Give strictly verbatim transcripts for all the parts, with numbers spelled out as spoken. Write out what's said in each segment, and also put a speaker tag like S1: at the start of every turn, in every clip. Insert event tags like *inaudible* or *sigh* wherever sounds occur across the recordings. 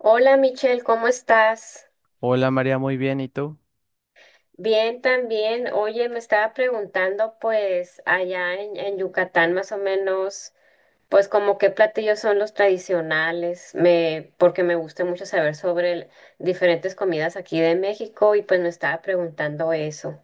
S1: Hola Michelle, ¿cómo estás?
S2: Hola María, muy bien, ¿y tú?
S1: Bien también. Oye, me estaba preguntando pues allá en, en Yucatán más o menos, pues como qué platillos son los tradicionales, me, porque me gusta mucho saber sobre el- diferentes comidas aquí de México y pues me estaba preguntando eso.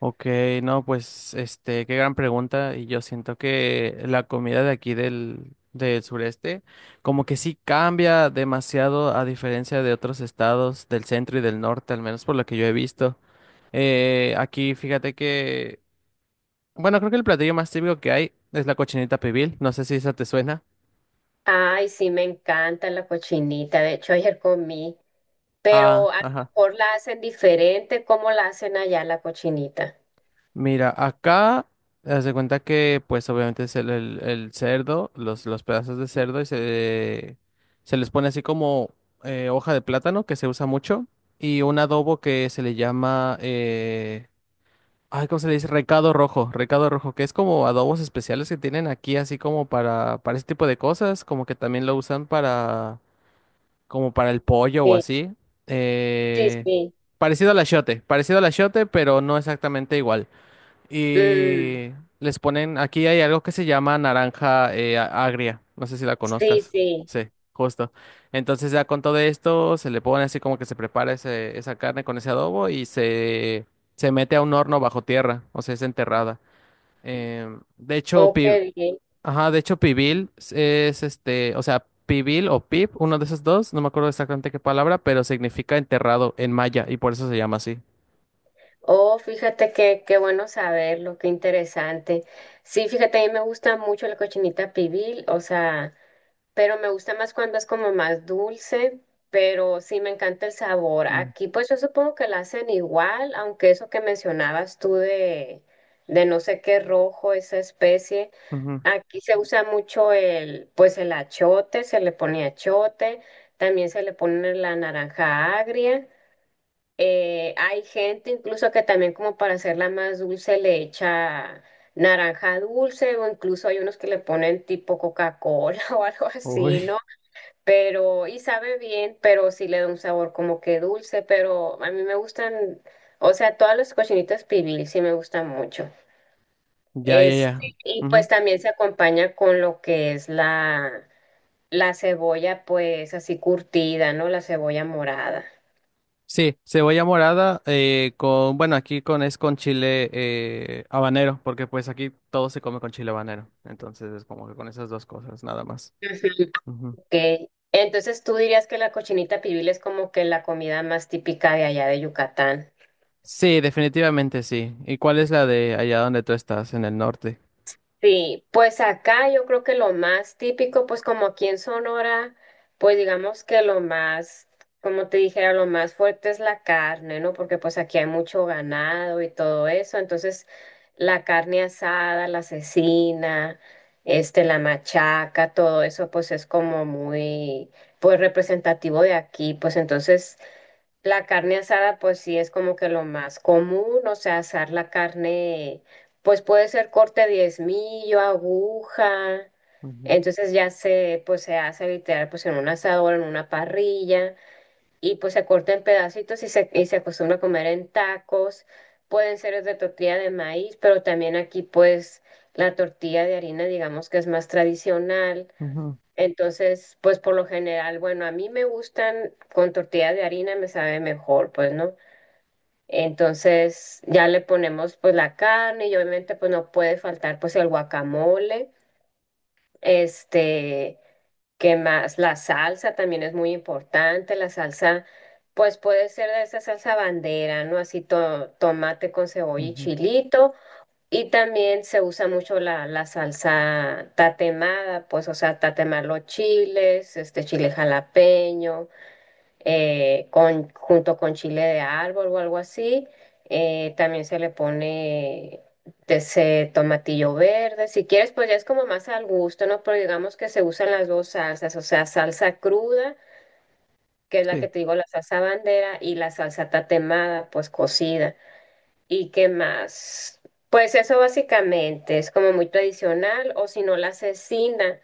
S2: Ok, no, pues este, qué gran pregunta. Y yo siento que la comida de aquí del, del sureste, como que sí cambia demasiado a diferencia de otros estados del centro y del norte, al menos por lo que yo he visto. Eh, aquí fíjate que Bueno, creo que el platillo más típico que hay es la cochinita pibil. No sé si esa te suena.
S1: Ay, sí, me encanta la cochinita, de hecho ayer comí, pero
S2: Ah,
S1: a lo
S2: ajá.
S1: mejor la hacen diferente, ¿cómo la hacen allá la cochinita?
S2: Mira, acá haz de cuenta que, pues, obviamente es el, el- el cerdo, los, los pedazos de cerdo y se, se les pone así como eh, hoja de plátano que se usa mucho y un adobo que se le llama, eh, ay, ¿cómo se le dice? Recado rojo, recado rojo, que es como adobos especiales que tienen aquí así como para para ese tipo de cosas, como que también lo usan para como para el pollo o
S1: Sí,
S2: así.
S1: sí,
S2: Eh,
S1: sí.
S2: parecido al achiote, parecido al achiote, pero no exactamente igual.
S1: Mm,
S2: Y les ponen, aquí hay algo que se llama naranja eh, a- agria, no sé si la
S1: sí,
S2: conozcas.
S1: sí.
S2: Sí, justo. Entonces ya con todo esto se le pone así como que se prepara ese- esa carne con ese adobo y se, se mete a un horno bajo tierra, o sea, es enterrada. Em, de hecho,
S1: Oh,
S2: pi-
S1: qué bien.
S2: ajá, de hecho, pibil es este, o sea, pibil o pip, uno de esos dos, no me acuerdo exactamente qué palabra, pero significa enterrado en maya y por eso se llama así.
S1: Oh, fíjate que qué bueno saberlo, qué interesante. Sí, fíjate, a mí me gusta mucho la cochinita pibil, o sea, pero me gusta más cuando es como más dulce, pero sí me encanta el sabor.
S2: Mm.
S1: Aquí pues yo supongo que la hacen igual, aunque eso que mencionabas tú de, de no sé qué rojo, esa especie,
S2: Ujú.
S1: aquí se usa mucho el, pues el achote, se le pone achote, también se le pone la naranja agria. Eh, hay gente incluso que también como para hacerla más dulce le echa naranja dulce o incluso hay unos que le ponen tipo Coca-Cola *laughs* o algo así,
S2: Uy.
S1: ¿no? Pero y sabe bien, pero sí le da un sabor como que dulce, pero a mí me gustan, o sea, todas las cochinitas pibil sí me gustan mucho.
S2: Ya, ya, ya.
S1: Este, y
S2: Ujú.
S1: pues también se acompaña con lo que es la la cebolla pues así curtida, ¿no? La cebolla morada.
S2: Sí, cebolla morada eh, con, bueno, aquí con es con chile eh, habanero, porque pues aquí todo se come con chile habanero, entonces es como que con esas dos cosas, nada más.
S1: Ujú.
S2: Ujú.
S1: Ok. Entonces tú dirías que la cochinita pibil es como que la comida más típica de allá de Yucatán.
S2: Sí, definitivamente sí. ¿Y cuál es la de allá donde tú estás, en el norte?
S1: Sí, pues acá yo creo que lo más típico, pues como aquí en Sonora, pues digamos que lo más, como te dijera, lo más fuerte es la carne, ¿no? Porque pues aquí hay mucho ganado y todo eso, entonces la carne asada, la cecina, este, la machaca, todo eso pues es como muy, pues representativo de aquí, pues entonces... La carne asada, pues sí es como que lo más común, o sea, asar la carne, pues puede ser corte diezmillo, aguja,
S2: Ujú,
S1: entonces ya se, pues se hace literal, pues en un asador, en una parrilla, y pues se corta en pedacitos y se, y se acostumbra a comer en tacos, pueden ser de tortilla de maíz, pero también aquí pues la tortilla de harina, digamos que es más tradicional.
S2: ujú,
S1: Entonces, pues por lo general, bueno, a mí me gustan con tortilla de harina, me sabe mejor, pues, ¿no? Entonces, ya le ponemos pues la carne y obviamente pues no puede faltar pues el guacamole, este, ¿qué más? La salsa también es muy importante, la salsa pues puede ser de esa salsa bandera, ¿no? Así to- tomate con cebolla y
S2: ujú.
S1: chilito y también se usa mucho la, la salsa tatemada, pues, o sea, tatemar los chiles, este chile jalapeño, eh, con, junto con chile de árbol o algo así. Eh, también se le pone de ese tomatillo verde. Si quieres, pues ya es como más al gusto, ¿no? Pero digamos que se usan las dos salsas, o sea, salsa cruda, que es la
S2: Sí.
S1: que te digo, la salsa bandera, y la salsa tatemada, pues cocida. ¿Y qué más? Pues eso básicamente es como muy tradicional, o si no la cecina,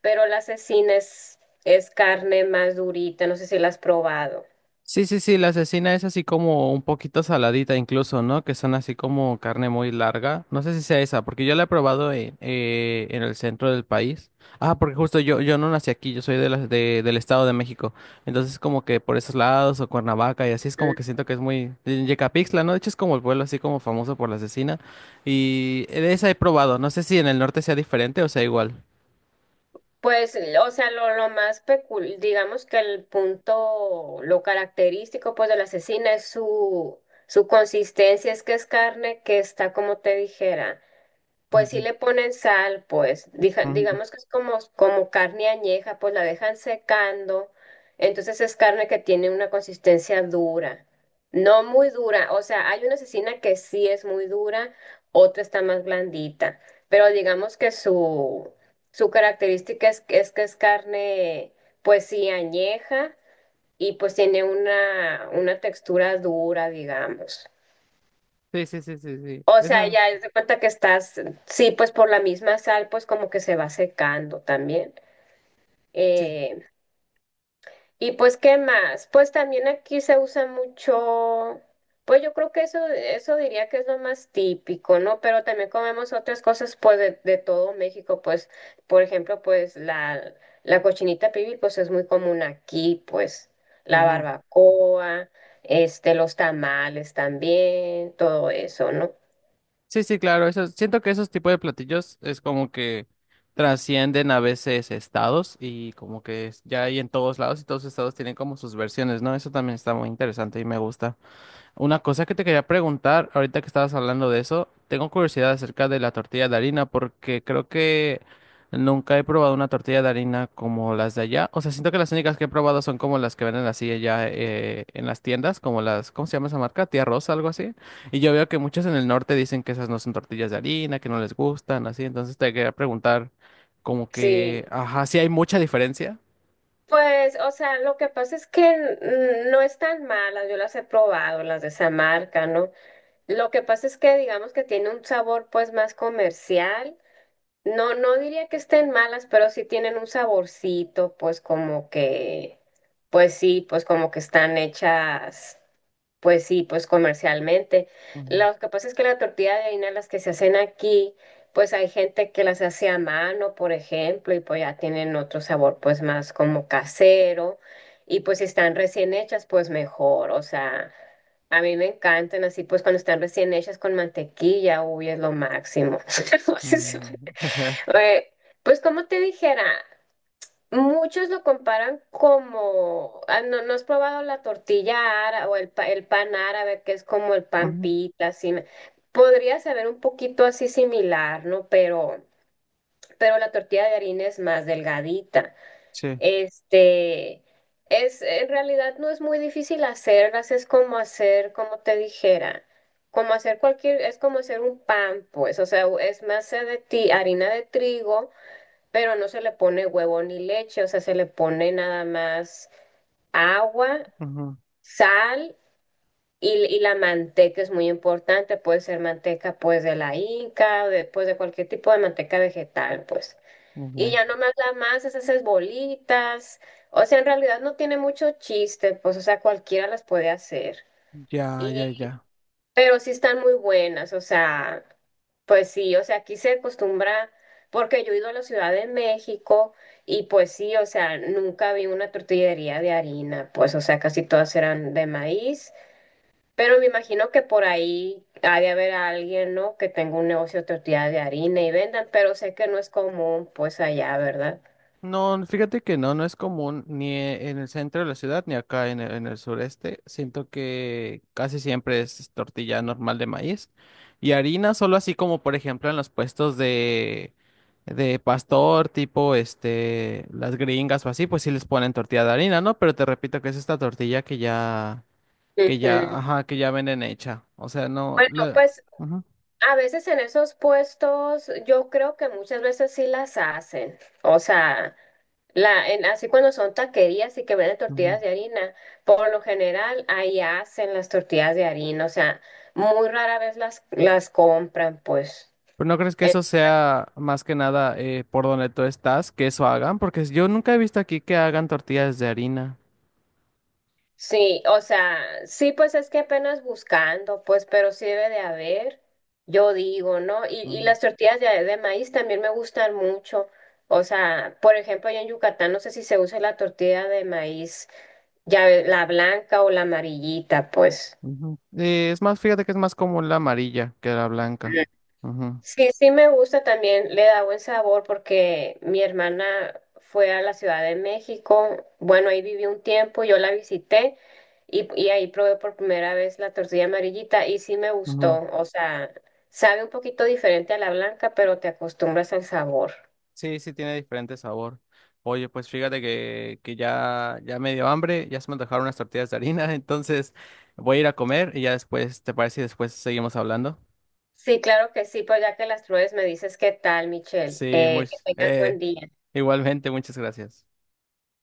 S1: pero la cecina es, es carne más durita, no sé si la has probado.
S2: Sí, sí, sí, la asesina es así como un poquito saladita incluso, ¿no? Que son así como carne muy larga. No sé si sea esa, porque yo la he probado en, eh, en el centro del país. Ah, porque justo yo, yo no nací aquí, yo soy de las de, del Estado de México. Entonces como que por esos lados o Cuernavaca y así es como que
S1: Mm.
S2: siento que es muy... en Yecapixtla, ¿no? De hecho es como el pueblo así como famoso por la asesina. Y de esa he probado. No sé si en el norte sea diferente o sea igual.
S1: Pues, o sea, lo, lo más pecul, digamos que el punto, lo característico pues de la cecina es su, su consistencia, es que es carne que está, como te dijera. Pues sí
S2: Ujú,
S1: le ponen sal, pues dija-
S2: ujú.
S1: digamos que es como, como carne añeja, pues la dejan secando, entonces es carne que tiene una consistencia dura, no muy dura, o sea, hay una cecina que sí es muy dura, otra está más blandita, pero digamos que su, su característica es, que- es que es carne, pues sí, añeja y pues tiene una, una textura dura, digamos.
S2: Sí, sí, sí, sí, sí.
S1: O sea,
S2: Esa...
S1: ya es de cuenta que estás, sí, pues por la misma sal, pues como que se va secando también.
S2: sí.
S1: Eh, y pues, ¿qué más? Pues también aquí se usa mucho, pues yo creo que eso, eso diría que es lo más típico, ¿no? Pero también comemos otras cosas, pues, de, de todo México, pues, por ejemplo, pues la, la cochinita pibil, pues es muy común aquí, pues, la
S2: Ujú.
S1: barbacoa, este, los tamales también, todo eso, ¿no?
S2: Sí, sí, claro, eso, siento que esos tipos de platillos es como que trascienden a veces estados y como que es- ya hay en todos lados y todos los estados tienen como sus versiones, ¿no? Eso también está muy interesante y me gusta. Una cosa que te quería preguntar, ahorita que estabas hablando de eso, tengo curiosidad acerca de la tortilla de harina, porque creo que nunca he probado una tortilla de harina como las de allá. O sea, siento que las únicas que he probado son como las que venden así allá eh, en las tiendas, como las, ¿cómo se llama esa marca? Tía Rosa, algo así. Y yo veo que muchos en el norte dicen que esas no son tortillas de harina, que no les gustan, así. Entonces te quería preguntar, como que,
S1: Sí.
S2: ajá, sí hay mucha diferencia.
S1: Pues, o sea, lo que pasa es que mm, no están malas, yo las he probado, las de esa marca, ¿no? Lo que pasa es que digamos que tiene un sabor pues más comercial. No, no diría que estén malas, pero sí tienen un saborcito, pues como que, pues sí, pues como que están hechas. Pues sí, pues comercialmente.
S2: Ujú,
S1: Lo que pasa es que la tortilla de harina, las que se hacen aquí, pues hay gente que las hace a mano, por ejemplo, y pues ya tienen otro sabor, pues más como casero. Y pues si están recién hechas, pues mejor. O sea, a mí me encantan así, pues cuando están recién hechas con mantequilla, uy, es lo máximo. *laughs* Entonces,
S2: ujú, *laughs*
S1: Eh, pues como te dijera. Muchos lo comparan como, ah, no, no has probado la tortilla árabe o el, pa- el pan árabe, que es como el pan
S2: ujú,
S1: pita, así. me- Podría saber un poquito así similar, ¿no? Pero, pero la tortilla de harina es más delgadita.
S2: sí.
S1: Este, es, en realidad no es muy difícil hacerlas, es como hacer, como te dijera, como hacer cualquier, es como hacer un pan, pues, o sea, es masa de ti, harina de trigo pero no se le pone huevo ni leche, o sea, se le pone nada más agua,
S2: Ujú,
S1: sal y, y la manteca es muy importante, puede ser manteca pues de la inca, o de, pues, de cualquier tipo de manteca vegetal, pues. Y
S2: ok.
S1: ya nomás la masas, haces bolitas, o sea, en realidad no tiene mucho chiste, pues, o sea, cualquiera las puede hacer.
S2: Ya, ya, ya.
S1: Pero sí están muy buenas, o sea, pues sí, o sea, aquí se acostumbra, porque yo he ido a la Ciudad de México y pues sí, o sea, nunca vi una tortillería de harina, pues o sea, casi todas eran de maíz, pero me imagino que por ahí ha de haber alguien, ¿no? Que tenga un negocio de tortilla de harina y vendan, pero sé que no es común, pues allá, ¿verdad?
S2: No, fíjate que no, no es común ni e- en el centro de la ciudad ni acá en el, en el sureste. Siento que casi siempre es tortilla normal de maíz y harina, solo así como por ejemplo en los puestos de, de pastor, tipo este, las gringas o así, pues sí les ponen tortilla de harina, ¿no? Pero te repito que es esta tortilla que ya, que ya,
S1: Ujú.
S2: ajá, que ya venden hecha. O sea, no,
S1: Bueno,
S2: la...
S1: pues
S2: Ujú,
S1: a veces en esos puestos yo creo que muchas veces sí las hacen, o sea... La, en- así cuando son taquerías y que venden
S2: ujú.
S1: tortillas de harina, por lo general ahí hacen las tortillas de harina, o sea, muy rara vez las, las compran, pues.
S2: Pero ¿no crees que
S1: Eh,
S2: eso sea más que nada eh, por donde tú estás, que eso hagan? Porque yo nunca he visto aquí que hagan tortillas de harina.
S1: sí, o sea, sí, pues es que apenas buscando, pues, pero sí debe de haber, yo digo, ¿no? Y, y
S2: Ujú,
S1: las tortillas de, de maíz también me gustan mucho. O sea, por ejemplo, allá en Yucatán no sé si se usa la tortilla de maíz, ya ve- la blanca o la amarillita, pues.
S2: ujú. Eh, es más, fíjate que es más común la amarilla que la blanca. Ujú,
S1: Sí, sí me gusta también, le da buen sabor porque mi hermana fue a la Ciudad de México, bueno, ahí viví un tiempo, yo la visité y, y ahí probé por primera vez la tortilla amarillita y sí me
S2: ujú.
S1: gustó, o sea, sabe un poquito diferente a la blanca, pero te acostumbras al sabor.
S2: Sí, sí, tiene diferente sabor. Oye, pues fíjate que, que ya, ya me dio hambre, ya se me antojaron unas tortillas de harina, *laughs* entonces voy a ir a comer y ya después, ¿te parece? Y después seguimos hablando.
S1: Sí, claro que sí, pues ya que las pruebes me dices qué tal, Michelle,
S2: Sí, muy,
S1: eh, que tengas
S2: eh,
S1: buen día.
S2: igualmente, muchas gracias.